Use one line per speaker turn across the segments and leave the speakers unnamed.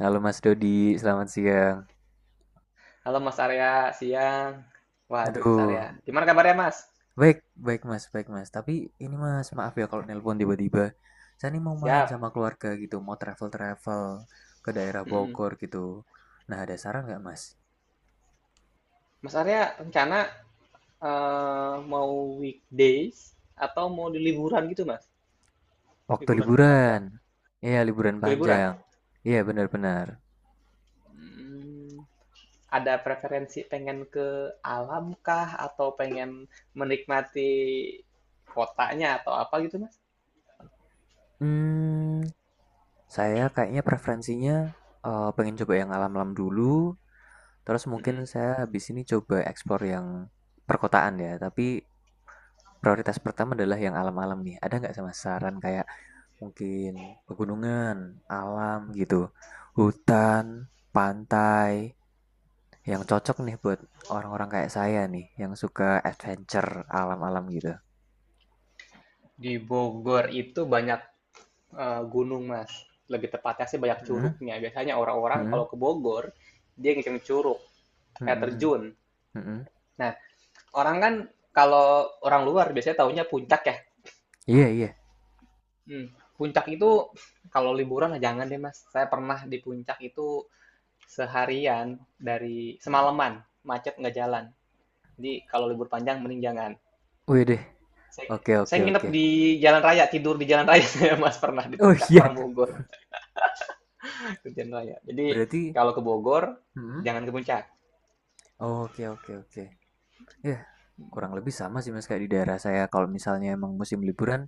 Halo Mas Dodi, selamat siang.
Halo Mas Arya, siang. Waduh Mas Arya,
Aduh,
gimana kabarnya Mas?
baik, baik Mas, baik Mas. Tapi ini Mas, maaf ya kalau nelpon tiba-tiba. Saya ini mau main
Siap.
sama keluarga gitu, mau travel-travel ke daerah
Mm-mm.
Bogor gitu. Nah, ada saran nggak Mas?
Mas Arya rencana mau weekdays atau mau di liburan gitu Mas?
Waktu
Liburan panjang.
liburan. Iya, liburan
Ke liburan?
panjang. Iya, benar-benar.
Hmm, ada preferensi pengen ke alam kah atau pengen menikmati kotanya atau apa gitu Mas?
Hmm, saya kayaknya preferensinya pengen coba yang alam-alam dulu. Terus mungkin
Mm-mm.
saya habis ini coba explore yang perkotaan ya. Tapi prioritas pertama adalah yang alam-alam nih. Ada nggak sama saran kayak mungkin pegunungan, alam gitu, hutan, pantai, yang cocok nih buat orang-orang kayak saya nih, yang suka adventure alam-alam gitu.
Di Bogor itu banyak gunung, Mas. Lebih tepatnya sih banyak
Mhm,
curugnya. Biasanya orang-orang
mhm,
kalau ke Bogor, dia ngeceng curug,
mhm,
air
mhm,
terjun.
mhm.
Nah, orang kan kalau orang luar biasanya taunya puncak ya.
Iya, iya.
Hmm, puncak itu kalau liburan ah jangan deh, Mas. Saya pernah di puncak itu seharian dari semalaman, macet nggak jalan. Jadi kalau libur panjang mending jangan.
Wih deh.
Saya
Oke,
saya
oke,
nginep
oke.
di jalan raya, tidur di jalan raya saya, Mas, pernah di
Oh
puncak, orang
iya.
Bogor, di jalan raya. Jadi
Berarti.
kalau ke Bogor
Mhm.
jangan ke puncak.
Oh, oke, oke, oke. Ya kurang lebih sama sih mas kayak di daerah saya. Kalau misalnya emang musim liburan,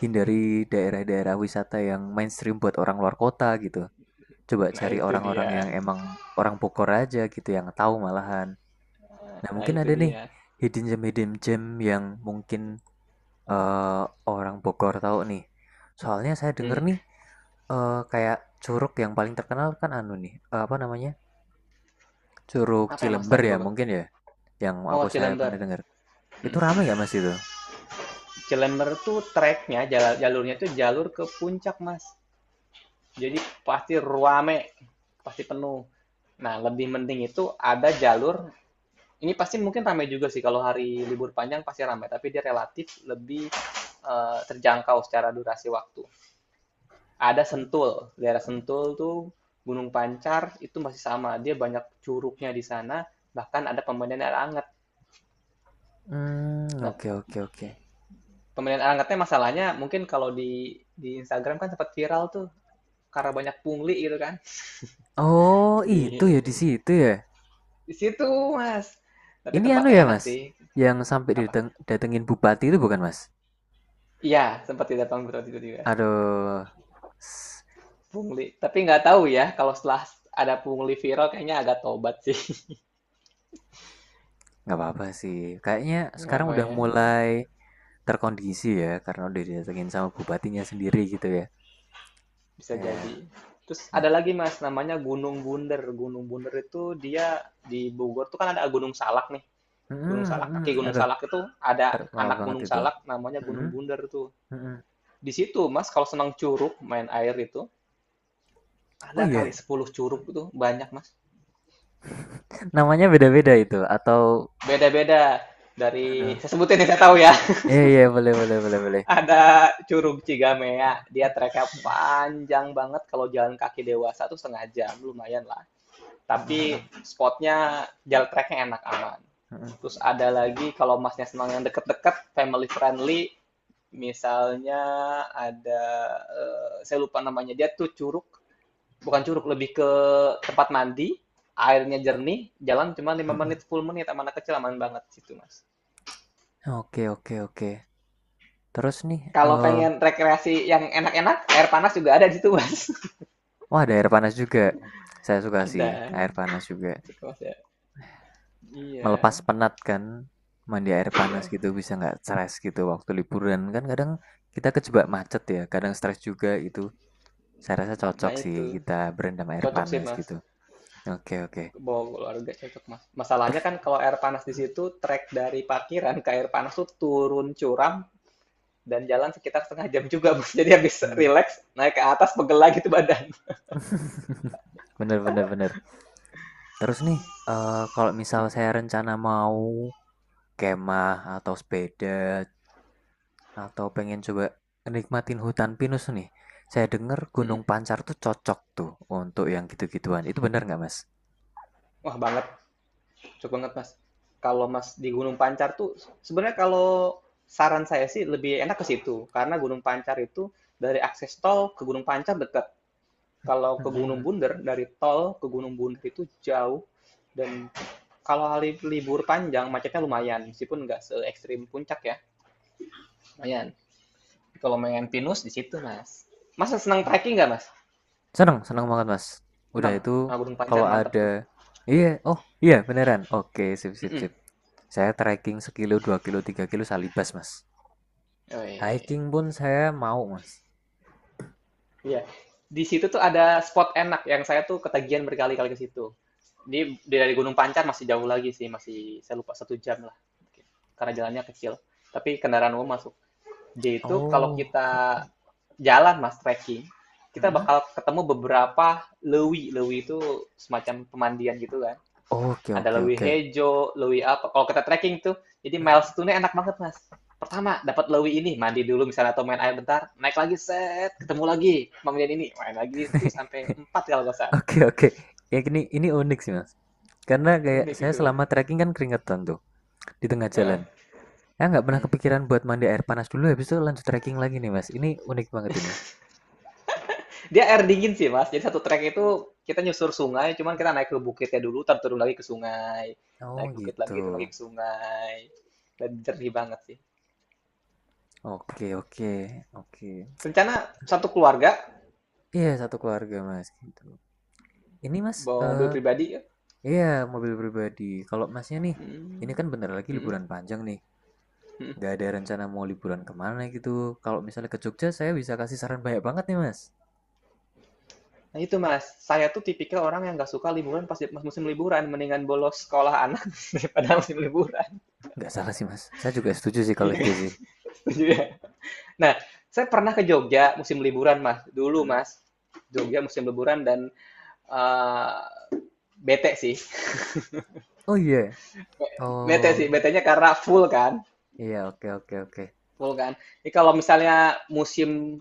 hindari daerah-daerah wisata yang mainstream buat orang luar kota gitu. Coba
Nah
cari
itu dia,
orang-orang yang emang orang Bogor aja gitu yang tahu malahan. Nah,
nah
mungkin
itu
ada nih
dia.
hidden gem yang mungkin eh, orang Bogor tahu nih. Soalnya saya denger
Hmm.
nih kayak curug yang paling terkenal kan anu nih, apa namanya? Curug
Apa yang Mas
Cilember
tahu di
ya
Bogor?
mungkin ya yang aku
Oh,
saya pernah
Cilember.
dengar. Itu
Hmm.
ramai nggak Mas itu?
Cilember tuh treknya, jalurnya tuh jalur ke puncak Mas. Jadi pasti ruame, pasti penuh. Nah lebih penting itu ada jalur. Ini pasti mungkin ramai juga sih kalau hari libur panjang pasti ramai, tapi dia relatif lebih terjangkau secara durasi waktu. Ada Sentul, daerah Sentul tuh Gunung Pancar itu masih sama, dia banyak curugnya di sana, bahkan ada pemandian air hangat.
Hmm,
Nah,
oke, oke, oke.
pemilihan alatnya masalahnya mungkin kalau di Instagram kan sempat viral tuh karena banyak pungli gitu kan.
Oh,
Di
itu ya di situ ya.
di situ, Mas. Tapi
Ini anu
tempatnya
ya
enak
mas,
sih.
yang sampai
Apa?
datengin bupati itu bukan mas?
Iya, sempat tidak betul tiba-tiba.
Aduh, s-
Pungli. Tapi nggak tahu ya kalau setelah ada pungli viral kayaknya agak tobat sih.
nggak apa-apa sih. Kayaknya
Nggak
sekarang
apa
udah
ya.
mulai terkondisi ya, karena udah didatengin sama bupatinya sendiri gitu ya.
Bisa jadi.
Ya,
Terus
nah,
ada lagi mas, namanya Gunung Bunder. Gunung Bunder itu dia di Bogor tuh kan ada Gunung Salak nih.
mm-mm,
Gunung Salak,
mm-mm.
kaki Gunung
Aduh,
Salak itu ada
terkenal
anak
banget
Gunung
itu.
Salak namanya
Mm-mm,
Gunung Bunder tuh.
mm-mm.
Di situ Mas kalau senang curug, main air itu,
Oh
ada kali
iya,
10 curug itu banyak Mas.
namanya beda-beda itu atau,
Beda-beda dari
aduh,
saya sebutin yang saya tahu ya.
iya, iya, boleh, boleh, boleh, boleh.
Ada curug Cigamea, dia treknya
Mm-mm,
panjang banget kalau jalan kaki dewasa tuh setengah jam, lumayan lah. Tapi
mm-mm,
spotnya jalan treknya enak aman.
mm-mm,
Terus ada lagi kalau masnya senang yang deket-deket, family friendly, misalnya ada saya lupa namanya dia tuh curug bukan curug lebih ke tempat mandi, airnya jernih, jalan cuma lima
mm-mm.
menit, 10 menit sama anak kecil aman banget situ, Mas.
Oke, oke, oke. Terus nih,
Kalau pengen rekreasi yang enak-enak, air panas juga ada di situ, Mas.
wah, ada air panas juga. Saya suka sih
ada.
air panas juga.
Gitu, Mas ya.
Melepas
Iya,
penat kan, mandi air
iya.
panas gitu bisa nggak stres gitu waktu liburan kan kadang kita kejebak macet ya, kadang stres juga itu. Saya rasa cocok
Nah,
sih
itu.
kita berendam air
Cocok sih,
panas
Mas.
gitu. Oke, oke.
Bawa keluarga cocok, Mas. Masalahnya
Terus,
kan kalau air panas di situ, trek dari parkiran ke air panas tuh turun curam dan jalan sekitar setengah jam juga, Mas. Jadi habis
hmm.
relax, naik ke atas, pegel lagi tuh badan.
bener, bener, bener. Terus nih, kalau misal
Hmm,
saya rencana mau kemah atau sepeda atau pengen coba nikmatin hutan pinus nih. Saya dengar
hmm.
Gunung Pancar tuh cocok tuh untuk yang gitu-gituan. Itu benar nggak, Mas?
Wah, banget. Cocok banget, Mas. Kalau Mas di Gunung Pancar tuh sebenarnya kalau saran saya sih lebih enak ke situ, karena Gunung Pancar itu dari akses tol ke Gunung Pancar dekat. Kalau ke Gunung Bunder, dari tol ke Gunung Bunder itu jauh. Dan kalau hari libur panjang, macetnya lumayan. Meskipun nggak se ekstrim puncak ya, lumayan. Kalau main pinus di situ, Mas. Mas senang trekking nggak, Mas?
Seneng, seneng banget, Mas. Udah
Senang?
itu
Nah, Gunung Pancar
kalau
mantap
ada.
tuh.
Iya, oh iya beneran. Oke, sip, sip,
Mm-mm.
sip. Saya trekking sekilo, 2 kilo, 3 kilo salibas, Mas. Hiking pun saya mau, Mas.
Iya. Di situ tuh ada spot enak yang saya tuh ketagihan berkali-kali ke situ. Ini dari Gunung Pancar masih jauh lagi sih, masih saya lupa 1 jam lah. Karena jalannya kecil. Tapi kendaraan umum masuk. Jadi itu kalau
Oh, oke,
kita
oke.
jalan mas trekking, kita
Hah?
bakal ketemu beberapa lewi. Lewi itu semacam pemandian gitu kan.
Oke,
Ada
oke,
Lewi
oke.
Hejo, Lewi apa, kalau kita trekking tuh, jadi milestone-nya enak banget, Mas. Pertama, dapat Lewi ini, mandi dulu misalnya atau main air bentar, naik lagi, set, ketemu lagi, bangunin ini, main lagi, terus sampai 4 kalau nggak salah.
Oke, oke. Ya ini unik sih mas. Karena kayak
Unik
saya
gitu kan.
selama trekking kan keringetan tuh di tengah
Nah,
jalan. Saya nggak pernah
hmm.
kepikiran buat mandi air panas dulu habis itu lanjut trekking lagi nih mas. Ini unik banget ini.
Dia air dingin sih, Mas. Jadi satu trek itu kita nyusur sungai, cuman kita naik ke bukitnya dulu, ntar turun lagi ke sungai.
Oh
Naik bukit
gitu.
lagi, turun lagi ke sungai. Dan jernih banget sih.
Oke, oke, oke.
Rencana satu keluarga,
Iya satu keluarga mas gitu. Ini mas
bawa mobil pribadi ya?
iya mobil pribadi. Kalau masnya nih ini
Hmm.
kan bentar lagi
Hmm.
liburan panjang nih.
Hmm.
Nggak ada rencana mau liburan kemana gitu. Kalau misalnya ke Jogja saya bisa kasih saran banyak banget nih mas.
Nah itu Mas, saya tuh tipikal orang yang nggak suka liburan pas pas musim liburan, mendingan bolos sekolah anak daripada musim liburan.
Nggak salah sih mas. Saya juga setuju sih kalau
Iya
gitu
kan?
sih.
Setuju ya? Nah, saya pernah ke Jogja musim liburan Mas, dulu
Mhm.
Mas. Jogja musim liburan dan eh, bete sih.
Oh iya.
Be- Bete sih,
Oh
betenya karena full kan,
iya, oke, oke, oke.
full kan. Jadi kalau misalnya musim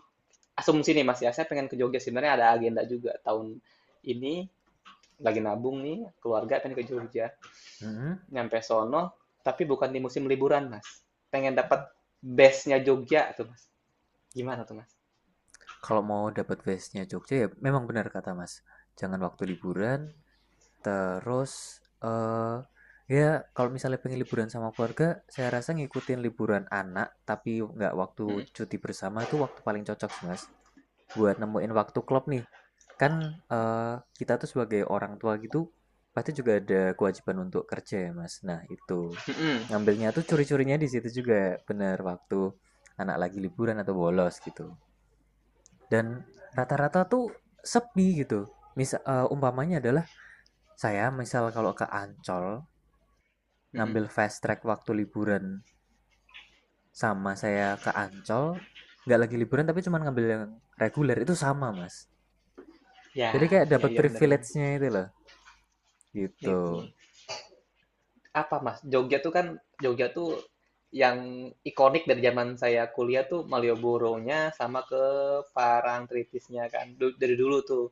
asumsi nih Mas ya, saya pengen ke Jogja sebenarnya ada agenda juga tahun ini lagi nabung nih keluarga pengen ke Jogja.
Mhm.
Nyampe sono, tapi bukan di musim liburan, Mas. Pengen dapat bestnya Jogja tuh, Mas. Gimana tuh, Mas?
Kalau mau dapat vibes-nya Jogja ya memang benar kata Mas. Jangan waktu liburan. Terus eh ya kalau misalnya pengen liburan sama keluarga, saya rasa ngikutin liburan anak tapi nggak waktu
Mm-mm.
cuti bersama itu waktu paling cocok sih Mas. Buat nemuin waktu klub nih. Kan kita tuh sebagai orang tua gitu pasti juga ada kewajiban untuk kerja ya, Mas. Nah, itu.
Mm-mm.
Ngambilnya tuh curi-curinya di situ juga, bener waktu anak lagi liburan atau bolos gitu. Dan rata-rata tuh sepi gitu. Misal umpamanya adalah saya misal kalau ke Ancol
Mm-mm.
ngambil fast track waktu liburan sama saya ke Ancol nggak lagi liburan tapi cuma ngambil yang reguler itu sama mas jadi
Ya,
kayak
ya,
dapat
ya benar-benar.
privilege-nya itu loh. Gitu.
Itu. Apa, Mas? Jogja tuh kan, Jogja tuh yang ikonik dari zaman saya kuliah tuh Malioboro-nya sama ke Parangtritisnya kan. Dari dulu tuh.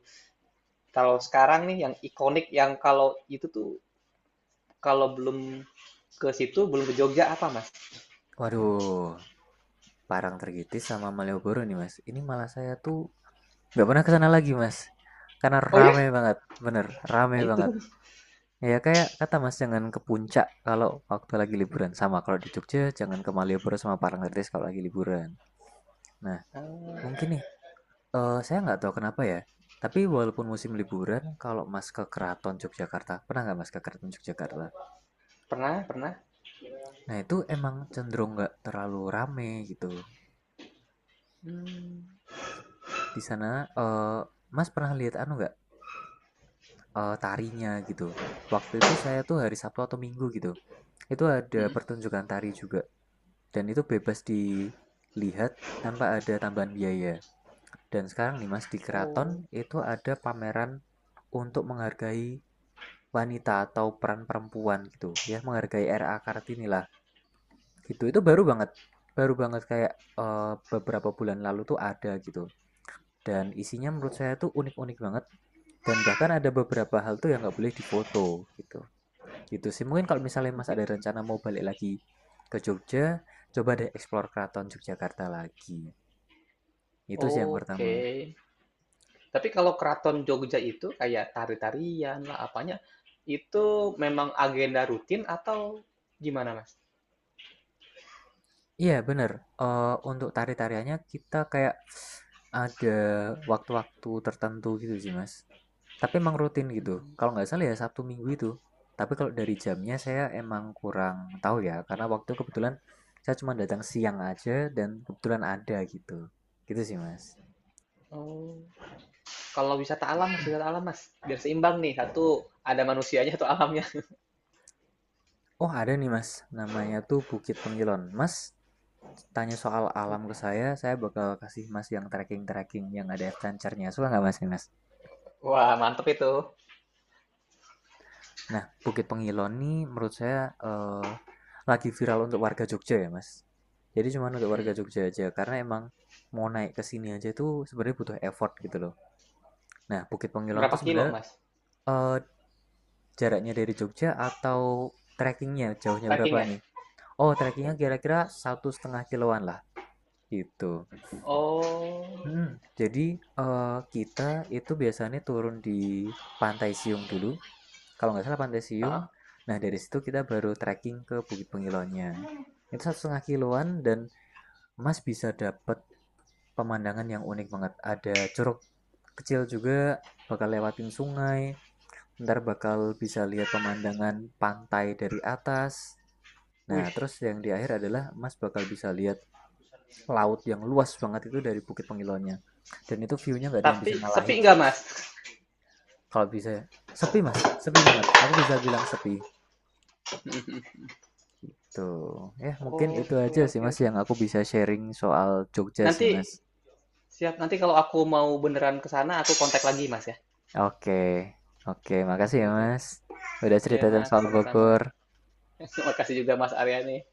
Kalau sekarang nih yang ikonik yang kalau itu tuh kalau belum ke situ belum ke Jogja apa, Mas?
Waduh, Parangtritis sama Malioboro nih mas. Ini malah saya tuh nggak pernah kesana lagi mas, karena
Oh ya?
rame banget, bener rame
Nah itu.
banget. Ya kayak kata mas jangan ke puncak kalau waktu lagi liburan sama kalau di Jogja jangan ke Malioboro sama Parangtritis kalau lagi liburan. Nah
Ah,
mungkin nih saya nggak tahu kenapa ya. Tapi walaupun musim liburan, kalau mas ke Keraton Yogyakarta, pernah nggak mas ke Keraton Yogyakarta?
pernah, pernah.
Nah itu emang cenderung nggak terlalu rame gitu.
Mmm,
Di sana Mas pernah lihat anu nggak tarinya gitu. Waktu itu saya tuh hari Sabtu atau Minggu gitu. Itu ada
mhm.
pertunjukan tari juga dan itu bebas dilihat tanpa ada tambahan biaya. Dan sekarang nih Mas di
Oh,
keraton itu ada pameran untuk menghargai wanita atau peran perempuan gitu ya menghargai RA Kartini lah gitu itu baru banget kayak beberapa bulan lalu tuh ada gitu. Dan isinya menurut saya tuh unik-unik banget. Dan bahkan ada beberapa hal tuh yang nggak boleh difoto gitu. Gitu sih. Mungkin kalau misalnya Mas ada
gitu.
rencana mau balik lagi ke Jogja, coba deh explore Keraton Yogyakarta lagi. Itu sih yang pertama.
Oke. Tapi kalau keraton Jogja itu kayak tari-tarian lah, apanya, itu memang agenda rutin atau gimana, Mas?
Iya bener. Eh, untuk tari-tariannya kita kayak ada waktu-waktu tertentu gitu sih Mas. Tapi emang rutin gitu.
Mmm,
Kalau nggak salah ya Sabtu Minggu itu. Tapi kalau dari jamnya saya emang kurang tahu ya, karena waktu kebetulan saya cuma datang siang aja dan kebetulan ada gitu. Gitu sih Mas.
oh. Kalau wisata alam, Mas, biar seimbang nih, satu ada manusianya, atau alamnya.
Oh ada nih Mas, namanya tuh Bukit Pengilon. Mas tanya soal alam ke saya bakal kasih Mas yang trekking-trekking yang ada adventure-nya. Suka nggak Mas nih Mas?
Wah, mantep itu.
Nah, Bukit Pengilon nih menurut saya eh, lagi viral untuk warga Jogja ya, Mas. Jadi cuma untuk warga
Mhm.
Jogja aja karena emang mau naik ke sini aja tuh sebenarnya butuh effort gitu loh. Nah, Bukit Pengilon
Berapa
tuh
kilo,
sebenarnya
Mas,
eh, jaraknya dari Jogja atau trekkingnya jauhnya berapa
trekkingnya?
nih? Oh, trekkingnya kira-kira 1,5 kiloan lah gitu.
Oh,
Hmm, jadi kita itu biasanya turun di Pantai Siung dulu. Kalau nggak salah Pantai Siung.
hah?
Nah dari situ kita baru trekking ke Bukit Pengilonya. Itu 1,5 kiloan dan Mas bisa dapat pemandangan yang unik banget. Ada curug kecil juga, bakal lewatin sungai, ntar bakal bisa lihat pemandangan pantai dari atas. Nah
Wih,
terus yang di akhir adalah Mas bakal bisa lihat laut yang luas banget itu dari Bukit Pengilonya. Dan itu view-nya nggak ada yang
tapi
bisa
sepi
ngalahin sih
nggak,
mas.
Mas?
Kalau bisa, sepi mas, sepi banget. Aku bisa bilang sepi. Tuh, ya mungkin itu
Oke,
aja sih
oke,
Mas
oke.
yang aku bisa sharing soal Jogja sih
Nanti.
Mas.
Siap, nanti kalau aku mau beneran ke sana, aku kontak lagi, Mas, ya.
Oke, oke, makasih
Oke,
ya
oke.
Mas. Udah
Iya,
cerita
Mas,
soal
sama-sama.
Bogor.
Terima kasih juga Mas Aryani.